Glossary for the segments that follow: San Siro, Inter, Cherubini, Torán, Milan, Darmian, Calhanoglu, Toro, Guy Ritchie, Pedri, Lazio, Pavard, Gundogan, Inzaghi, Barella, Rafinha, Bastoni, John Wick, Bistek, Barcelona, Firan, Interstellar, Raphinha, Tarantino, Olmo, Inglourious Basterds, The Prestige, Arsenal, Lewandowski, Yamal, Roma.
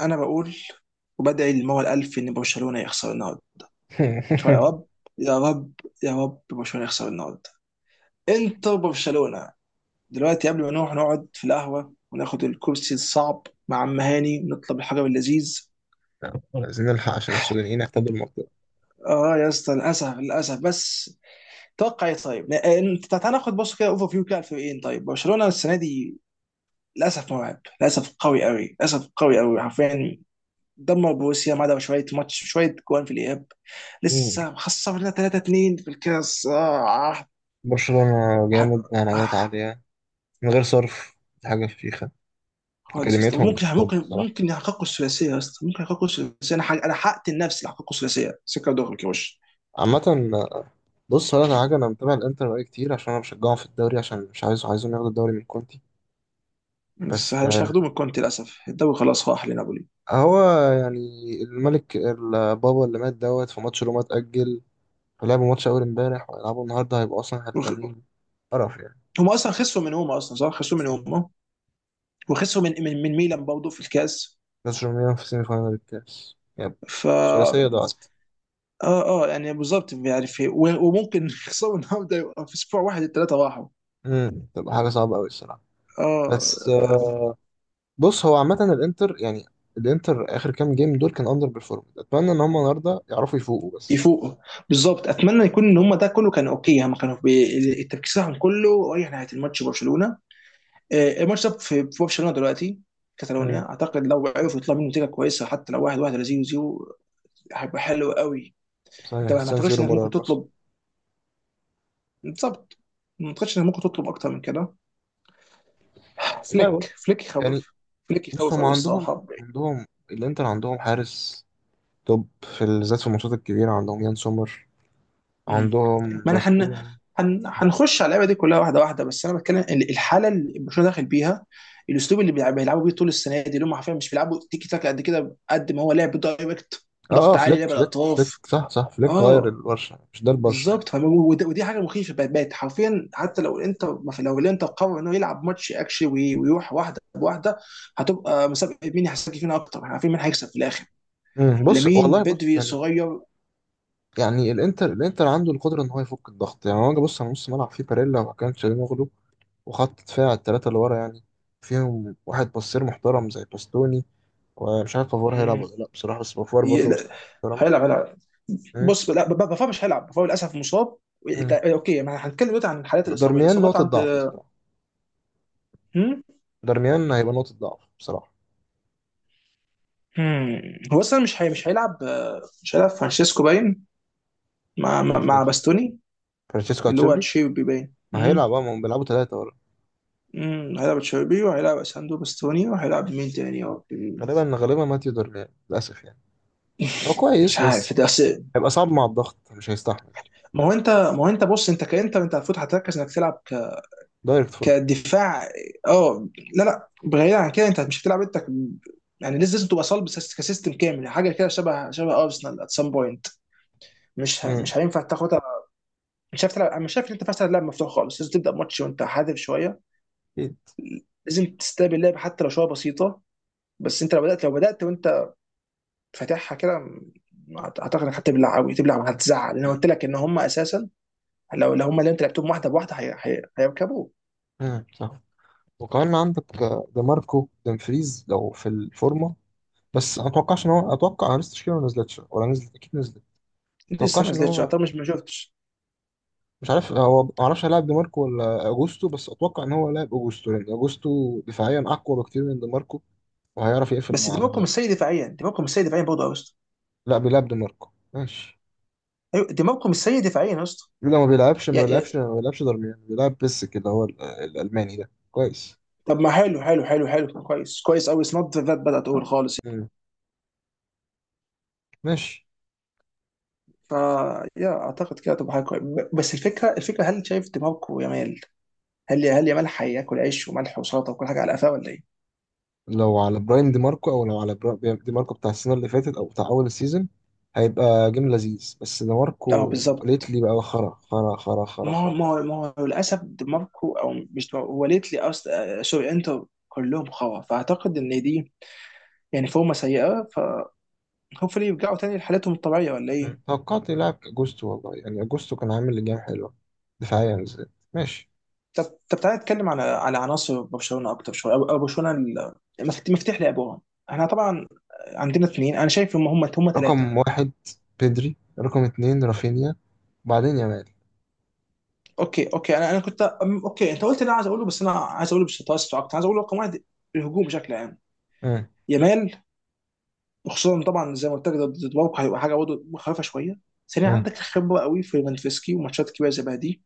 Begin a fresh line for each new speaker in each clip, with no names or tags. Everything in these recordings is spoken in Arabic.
انا بقول وبدعي للمولى الالف ان برشلونه يخسر النهارده. شو يا رب، يا رب، يا رب برشلونه يخسر النهارده. انتر برشلونه دلوقتي قبل ما نروح نقعد في القهوه وناخد الكرسي الصعب مع عم هاني ونطلب الحجر اللذيذ.
لا، عايزين نلحق عشان السودانيين احتلوا المنطقة.
اه يا اسطى، للاسف للاسف بس. توقع ايه طيب؟ انت تعال ناخد بص كده اوفر فيو كده على الفريقين. طيب برشلونه السنه دي للاسف مرعب، للاسف قوي قوي، للاسف قوي قوي، حرفيا دمر بروسيا ما عدا شويه ماتش شويه جوان في الاياب.
مم.
لسه خسرنا 3 2 في الكاس.
برشلونة
آه
جامد،
آه
نهائيات عالية من غير صرف. دي حاجة فشيخة.
خالص يا اسطى،
أكاديميتهم
ممكن
توب
ممكن
بصراحة
ممكن يحققوا الثلاثيه يا اسطى، ممكن يحققوا الثلاثيه. انا انا حققت النفس اللي يحققوا الثلاثيه سكه دغري كوش.
عامة. بص، هو أنا حاجة، أنا متابع الإنتر بقالي كتير عشان أنا بشجعهم في الدوري، عشان مش عايزهم ياخدوا الدوري من كونتي.
بس
بس
مش
آه،
هياخدوه من كونتي للاسف، الدوري خلاص راح لنابولي.
هو يعني الملك البابا اللي مات دوت في ماتش روما اتأجل، فلعبوا ماتش أول امبارح وهيلعبوا النهاردة، هيبقوا أصلا
وخ-
هلكانين. قرف يعني.
هم اصلا خسروا من هما، اصلا صح خسروا من
اسمه ايه؟
هما وخسروا من ميلان برضه في الكاس.
بس روميان في سيمي فاينال الكاس، يب.
ف
الثلاثية ضاعت.
اه يعني بالظبط، يعني في وممكن يخسروا النهارده يبقى في اسبوع واحد الثلاثه راحوا.
تبقى حاجه صعبه قوي الصراحه. بس
اه.
بص، هو عامه الانتر يعني، الانتر اخر كام جيم دول كان اندر بيرفورم. اتمنى ان هم النهارده يعرفوا يفوقوا بس.
يفوقوا بالظبط، اتمنى يكون ان هم ده كله كان اوكي، يعني هم كانوا التركيز بتاعهم كله رايح ناحيه الماتش برشلونه. الماتش ده في برشلونه دلوقتي، كاتالونيا
امم
اعتقد. لو عرفوا يطلعوا منه نتيجه كويسه حتى لو واحد واحد ولا زيرو زيرو هيبقى حلو قوي. انت
صحيح
ما
سان
اعتقدش
سيرو
انك ممكن
مرعب، بس
تطلب، بالظبط، ما اعتقدش انك ممكن تطلب اكتر من كده.
والله
فليك
بص
فليك
يعني.
يخوف، فليك
بص،
يخوف
هم
قوي
عندهم،
الصراحه.
عندهم الانتر عندهم حارس توب في بالذات في الماتشات الكبيره، عندهم يان سومر،
مم.
عندهم
ما انا
باستوني.
هنخش على اللعبه دي كلها واحده واحده، بس انا بتكلم الحاله اللي برشلونه داخل بيها، الاسلوب اللي بيلعبوا بيه طول السنه دي، اللي هم حرفيا مش بيلعبوا تيكي تاك قد كده، قد ما هو لعب دايركت،
اه اه،
ضغط عالي،
فليك
لعب
فليك فليك،
الاطراف.
صح صح، فليك غير
اه
البرشا، مش ده البرشا يعني.
بالظبط، ودي حاجه مخيفه بقت حرفيا. حتى لو انت ما في- لو الانتر قرر انه يلعب ماتش اكشلي ويروح واحده بواحده، هتبقى مسابقه مين هيحسك فينا اكتر، احنا عارفين مين هيكسب في الاخر.
بص
لامين
والله بص
بدري
يعني،
صغير.
يعني الانتر عنده القدره ان هو يفك الضغط. يعني هو جه، بص على نص ملعب فيه باريلا وكان تشالهانوغلو، وخط دفاع الثلاثه اللي ورا يعني فيهم واحد باسير محترم زي باستوني، ومش عارف بافوار هيلعب
مم.
ولا لا بصراحه، بس بافوار برضه
لا،
بصير محترم.
هيلعب هيلعب.
مم.
بص لا، بافا مش هيلعب، بافا للاسف مصاب.
مم.
اوكي ما هنتكلم دلوقتي عن الحالات الاصابيه
دارميان
الاصابات
نقطه
عند.
ضعف الصراحه.
هم؟
دارميان هيبقى نقطه ضعف بصراحه.
هم. هو اصلا مش هيلعب، مش هيلعب فرانشيسكو باين مع مع
مين
مع
فرانشيسكو؟
باستوني.
فرانشيسكو
اللي هو
اتشيربي.
تشيربي باين
ما
هم؟
هيلعب اه، ما هم بيلعبوا ثلاثه ورا.
هم. هيلعب تشيربي وهيلعب اساندو باستوني وهيلعب مين تاني يا ربي؟
غالبا غالبا ماتيو دارميان للاسف يعني. هو
مش
كويس
عارف
بس
ده
هيبقى صعب مع الضغط، مش هيستحمل.
ما هو انت، ما هو انت بص، انت كانت انت المفروض هتركز انك تلعب
دايركت فوتبول.
كدفاع. اه لا لا، بعيد عن كده، انت مش هتلعب انت يعني لازم تبقى صلب سيس- كسيستم كامل، حاجه كده شبه شبه ارسنال ات سام بوينت.
مم.
مش هينفع تاخدها. مش عارف تلعب، أنا مش شايف ان انت فاهم تلعب لعب مفتوح خالص، لازم تبدا ماتش وانت حادف شويه،
أكيد.
لازم تستقبل اللعب حتى لو شويه بسيطه. بس انت لو بدات، لو بدات وانت فاتحها كده اعتقد انك هتبلع قوي تبلع وهتزعل. انا قلت لك ان هم اساسا، لو لو هم اللي انت لعبتهم واحده بواحده هيركبوه.
صح. وكمان عندك دي ماركو دمفريز لو في الفورمه. بس ما اتوقعش ان هو، اتوقع، انا لسه التشكيله ما نزلتش، ولا نزلت اكيد، نزلت ما
لسه ما
اتوقعش ان
نزلتش
هو،
اعتقد، مش ما شفتش.
مش عارف، هو ما اعرفش هيلاعب دي ماركو ولا اجوستو، بس اتوقع ان هو لاعب اجوستو، لان اجوستو دفاعيا اقوى بكتير من دي ماركو، وهيعرف يقفل
بس
مع على
دماغكم
مين.
مش سيء دفاعيا، دماغكم مش سيء دفاعيا برضه يا اسطى.
لا، بيلعب دي ماركو، ماشي.
ايوه دماغكم مش سيء دفاعيا يا اسطى.
لو ما بيلعبش،
يا-
ما
يا-
بيلعبش، ما بيلعبش دارميان، بيلعب بيسك، اللي هو الالماني ده كويس.
طب ما حلو حلو كويس كويس قوي، اتس نوت ذات باد اول خالص.
مم. ماشي.
فا يا اعتقد كده تبقى حاجه كويسه، بس الفكره، الفكره هل شايف دماغكم يا مال؟ هل يا مال هياكل عيش وملح وسلطه وكل حاجه على قفاه ولا ايه؟
لو على براين دي ماركو، او لو على دي ماركو بتاع السنه اللي فاتت او بتاع اول السيزون، هيبقى جيم لذيذ. بس دي
اه
ماركو
بالظبط،
ليتلي بقى خرا خرا خرا خرا
ما هو
خرا.
ما هو للاسف دماغكم او مش دماغكو، هو ليت لي اصلا، سوري انتوا كلهم خوا، فاعتقد ان دي يعني فورمه سيئه، فهوبفلي يرجعوا تاني لحالتهم الطبيعيه ولا ايه؟
توقعت يلعب اجوستو والله، يعني اجوستو كان عامل لجام حلوه دفاعيا بالذات، ماشي.
طب طب تعالى نتكلم على على عناصر برشلونه اكتر شويه، او أو برشلونه مفتاح لعبهم. احنا طبعا عندنا اثنين، انا شايف هم
رقم
ثلاثه.
واحد بيدري، رقم اتنين رافينيا، وبعدين يامال.
اوكي اوكي، انا انا كنت اوكي، انت قلت اللي انا عايز اقوله، بس انا عايز اقوله بشطاره اكتر. عايز اقوله رقم واحد، الهجوم بشكل عام،
مم.
يامال. خصوصا طبعا زي ما قلت لك، ضد ضد بارك هيبقى حاجه برضه مخيفه شويه. ثانيا،
مم.
عندك خبره قوي في منفسكي وماتشات كبيره زي بقى دي.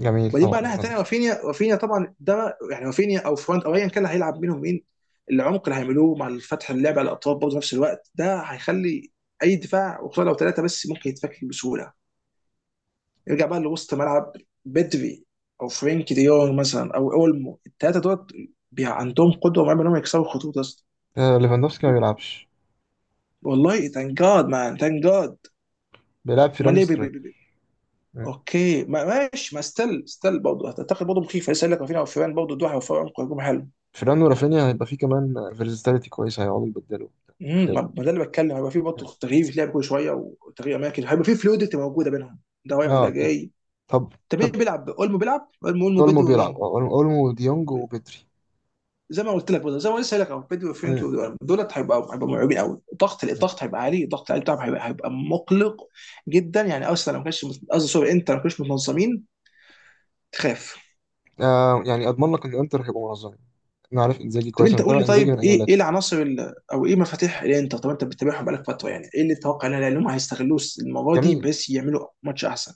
جميل
وبعدين بقى
طبعا
ناحيه ثانيه،
ليفاندوفسكي.
رافينيا. رافينيا طبعا ده يعني رافينيا او فرونت او ايا كان اللي هيلعب منهم مين، العمق اللي هيعملوه مع الفتح، اللعب على الاطراف برضه في نفس الوقت، ده هيخلي اي دفاع وخصوصا لو ثلاثه بس ممكن يتفك بسهوله. يرجع بقى لوسط ملعب، بدري او فرينكي دي يونغ مثلا او اولمو، الثلاثه دول عندهم قدوه مرعبه انهم يكسروا خطوط اصلا.
آه، ليفاندوفسكي ما بيلعبش،
والله ثانك جاد مان، ثانك جاد.
بيلعب
امال
فيران
ليه
سترايكر. مم.
اوكي ما ماشي، ما ستيل ستيل برضه اعتقد برضه مخيف، لسه قايل لك رافينيا وفيران، برضه دول هيوفروا عمق هجوم حلو.
فيران ورافينيا هيبقى فيه كمان فيرساتيليتي كويسه، هيقعدوا يبدلوا وبتاع. فلو.
ما ده اللي بتكلم، هيبقى في
مم.
برضه تغيير بيتلعب كل شويه، وتغيير اماكن، هيبقى في فلويدتي موجوده بينهم، ده رايح
اه
وده
اكيد.
جاي.
طب.
طب مين
طب
بيلعب اولمو؟ بيلعب اولمو، اولمو
اولمو
بدري
بيلعب،
ومين؟
اه اولمو، وديونج وبدري.
زي ما قلت لك برضه، زي ما لسه قايل لك اهو، بدري وفرانكي
مم.
ودول دولت هيبقوا مرعوبين قوي. الضغط، الضغط هيبقى عالي، الضغط العالي بتاعهم هيبقى مقلق جدا. يعني ارسنال لو ما كانش مت- قصدي سوري، انت لو ما كانوش متنظمين تخاف.
آه يعني اضمن لك ان انتر هيبقوا منظمين. انا عارف انزاجي
طب
كويس، انا
انت قول لي
متابع انزاجي
طيب
من ايام
ايه، ايه
لاتسيو.
العناصر او ايه مفاتيح الانتر؟ طب انت بتتابعهم بقالك فتره، يعني ايه اللي تتوقع ان هم هيستغلوه المره دي
جميل.
بس يعملوا ماتش احسن؟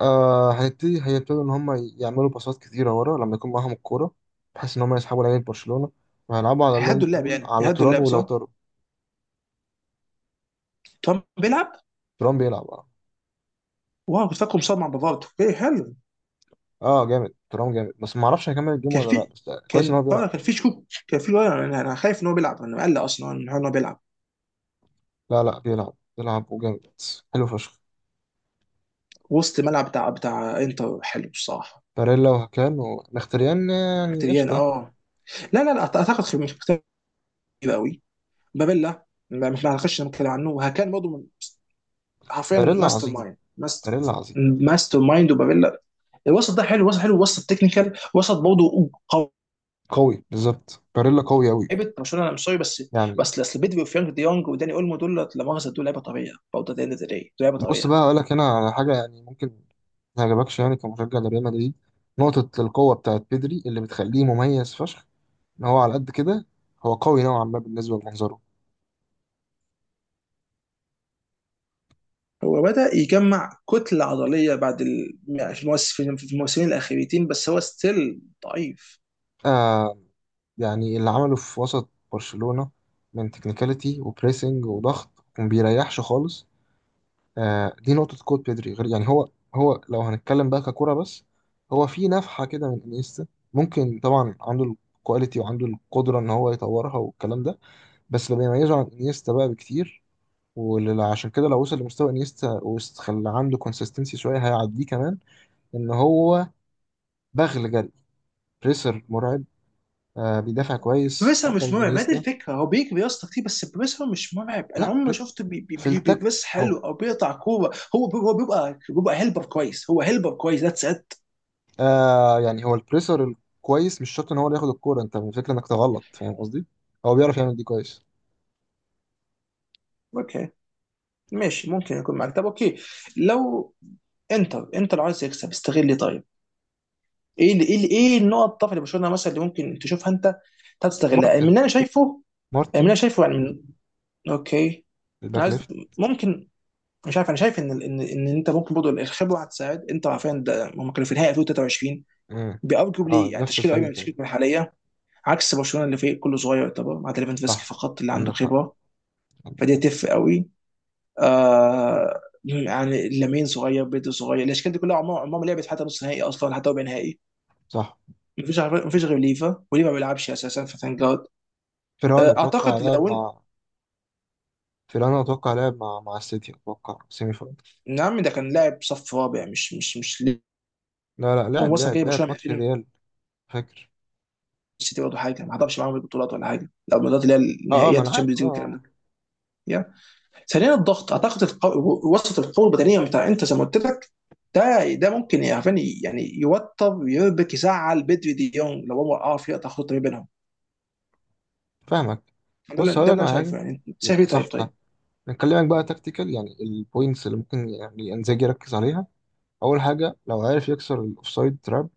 آه، هنبتدي، هيبتدوا ان هم يعملوا باصات كتيره ورا لما يكون معاهم الكوره، بحيث ان هم يسحبوا لعيبه برشلونه، وهيلعبوا على اللونج
هيهدوا اللعب،
بول
يعني
على
هيهدوا
توران،
اللعب
ولو
صح؟
تورو.
ترامب بيلعب؟
توران بيلعب اه.
واو، كنت فاكره مصاب مع بافارد، ايه حلو.
اه جامد، توران جامد، بس ما اعرفش هيكمل الجيم
كان
ولا لا،
في
بس كويس ان
كان
هو
اه
بيلعب.
كان في شكوك، كان في انا أنا خايف ان هو بيلعب، انا مقلق اصلا من حوار ان هو بيلعب.
لا لا، بيلعب بيلعب وجامد، حلو فشخ.
وسط ملعب بتاع بتاع انتر حلو الصراحه.
باريلا وهكان ومختريان يعني
مختبيان
قشطه.
اه، لا لا لا اعتقد مش مختبيان قوي. بابيلا ما ما هنخش نتكلم عنه، وهكان برضه حرفيا
باريلا
ماستر
عظيم
مايند. ماستر،
باريلا عظيم.
ماستر مايند وبابيلا، الوسط ده حلو، وسط حلو، وسط تكنيكال، وسط برضه
قوي، بالظبط، باريلا قوي قوي
لعيبه برشلونه انا مش سوري بس،
يعني.
بس اصل بيدري وفرانك دي يونج وداني اولمو دول لا مؤاخذه دول لعيبه طبيعيه برضه، دي دول لعيبه
بص
طبيعيه.
بقى هقول لك هنا على حاجه يعني ممكن ما يعجبكش يعني كمشجع لريال مدريد. نقطه القوه بتاعت بيدري اللي بتخليه مميز فشخ، ان هو على قد كده هو قوي نوعا ما بالنسبه لمنظره.
هو بدا يجمع كتله عضليه بعد في في الموسمين الاخيرتين، بس هو ستيل ضعيف.
آه يعني اللي عمله في وسط برشلونه من تكنيكاليتي وبريسنج وضغط، وما بيريحش خالص. آه، دي نقطة قوة بيدري. غير يعني هو، هو لو هنتكلم بقى ككرة بس، هو في نفحة كده من انيستا. ممكن طبعا، عنده الكواليتي وعنده القدرة ان هو يطورها والكلام ده، بس اللي بيميزه عن انيستا بقى بكتير، وعشان كده لو وصل لمستوى انيستا وخلى عنده كونسيستنسي شوية، هيعديه كمان، ان هو بغل جري، بريسر مرعب. آه بيدافع كويس،
بروسر
اقوى
مش
من
مرعب، ما دي
انيستا.
الفكره، هو بيجري يا اسطى كتير، بس بروسر مش مرعب، انا
لا،
عمري ما شفته
في التكت.
بيبص حلو او بيقطع كوره، هو هو بيبقى بيبقى هيلبر كويس، هو هيلبر كويس، ذاتس ات.
آه يعني هو البريسر الكويس مش شرط ان هو اللي ياخد الكوره، انت الفكره انك تغلط، فاهم قصدي؟ هو بيعرف يعمل دي كويس.
اوكي ماشي، ممكن يكون معاك. طب اوكي، لو انتر، انتر عايز يكسب استغل لي طيب، ايه اللي ايه اللي ايه النقط الضعف اللي برشلونه مثلا اللي ممكن تشوفها انت تستغلها؟ يعني من
مارتن.
اللي انا شايفه، يعني من اللي
مارتن.
انا شايفه يعني من اوكي، انا
الباك
عايز
ليفت.
ممكن، مش عارف، انا شايف ان ان انت ممكن برضه الخبره هتساعد، انت عارفين ده هم كانوا في النهائي 2023،
مم.
بارجوبلي
اه
يعني
نفس
تشكيله قريبه
الفريق
من
تقريبا.
تشكيلتنا الحاليه، عكس برشلونه اللي فريق كله صغير يعتبر مع ليفاندوفسكي
صح،
فقط اللي عنده
عندك حق،
خبره،
عندك
فدي
حق.
هتفرق قوي. آه يعني لامين صغير، بيدري صغير، الاشكال دي كلها عمرها ما لعبت حتى نص نهائي اصلا، حتى ربع نهائي.
صح.
مفيش عارف مفيش غير ليفا، وليفا ما بيلعبش اساسا، فتانك جارد.
فيران اتوقع
اعتقد
لعب
لو
مع، فيران اتوقع لعب مع مع السيتي، اتوقع سيمي فاينل.
نعم، ده كان لاعب صف رابع، مش مش
لا لا،
لانه
لعب
مثلا
لعب،
جاي
لعب
برشلونه من
ماتش
2000،
الريال. فاكر.
السيتي برضه حاجه ما حضرش معاهم البطولات ولا حاجه، لو البطولات اللي هي
اه اه، ما
النهائيات
انا عارف،
الشامبيونز
اه،
ليج والكلام
آه.
ده. يا ثانيا الضغط، اعتقد وسط، القوه البدنيه بتاع انت زي ما قلت لك، ده ده ممكن يعني يعني يوتر يربك يزعل بدري دي يونج، لو هو عارف يقطع خط ما بينهم.
فاهمك.
ده اللي
بص
ده
هقول
اللي
لك
انا
على حاجه.
شايفه، يعني انت شايف ايه طيب
صح صح.
طيب؟
نكلمك بقى تكتيكال، يعني البوينتس اللي ممكن يعني انزاجي يركز عليها. اول حاجه، لو عارف يكسر الاوفسايد تراب،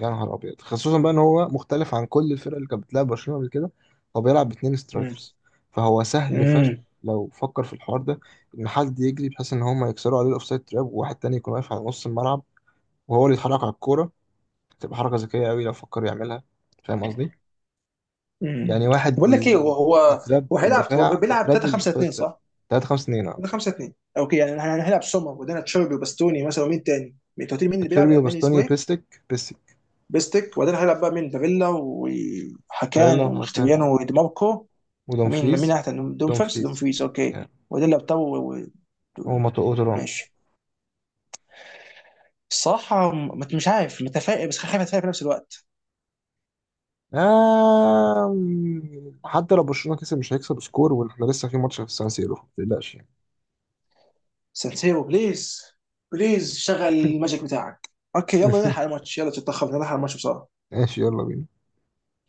يا نهار ابيض. خصوصا بقى ان هو مختلف عن كل الفرق اللي كانت بتلعب برشلونه قبل كده، هو بيلعب باتنين سترايكرز، فهو سهل فشخ
امم
لو فكر في الحوار ده، ان حد يجري بحيث ان هم يكسروا عليه الاوفسايد تراب، وواحد تاني يكون واقف على نص الملعب وهو اللي يتحرك على الكوره. تبقى حركه ذكيه قوي لو فكر يعملها، فاهم قصدي؟ يعني
امم
واحد
بقول لك ايه، هو هو
يتراب
هو هيلعب، هو
الدفاع،
بيلعب
يتراب
3 5
الاوفسايد
2
تراب.
صح؟
3 5 2 اه.
3 5 2 اوكي، يعني احنا هنلعب سومر وبعدين تشيربي وباستوني مثلا ومين تاني؟ انت قلت لي مين اللي بيلعب
تشيربي
الالماني
وباستوني
اسمه ايه؟
وبيستك، بيستك،
بيستك، وبعدين هيلعب بقى مين، بافيلا
باريلا
وحكان ومختبيانو وديماركو. ومين مين
ودومفريز،
احسن دوم فيرس دوم
دومفريز
فريز؟ اوكي.
يعني،
وبعدين لابتو
هو
و-
ماتو اوتران.
ماشي. الصراحة مش عارف، متفائل بس خايف اتفائل في نفس الوقت.
آه. حتى لو برشلونة كسب، مش هيكسب سكور واحنا لسه في ماتش في السان سيرو، ما تقلقش يعني.
سانسيرو بليز، بليز شغل الماجيك بتاعك. اوكي يلا نلحق الماتش، يلا تتأخر نلحق الماتش بسرعة.
ماشي، يلا بينا.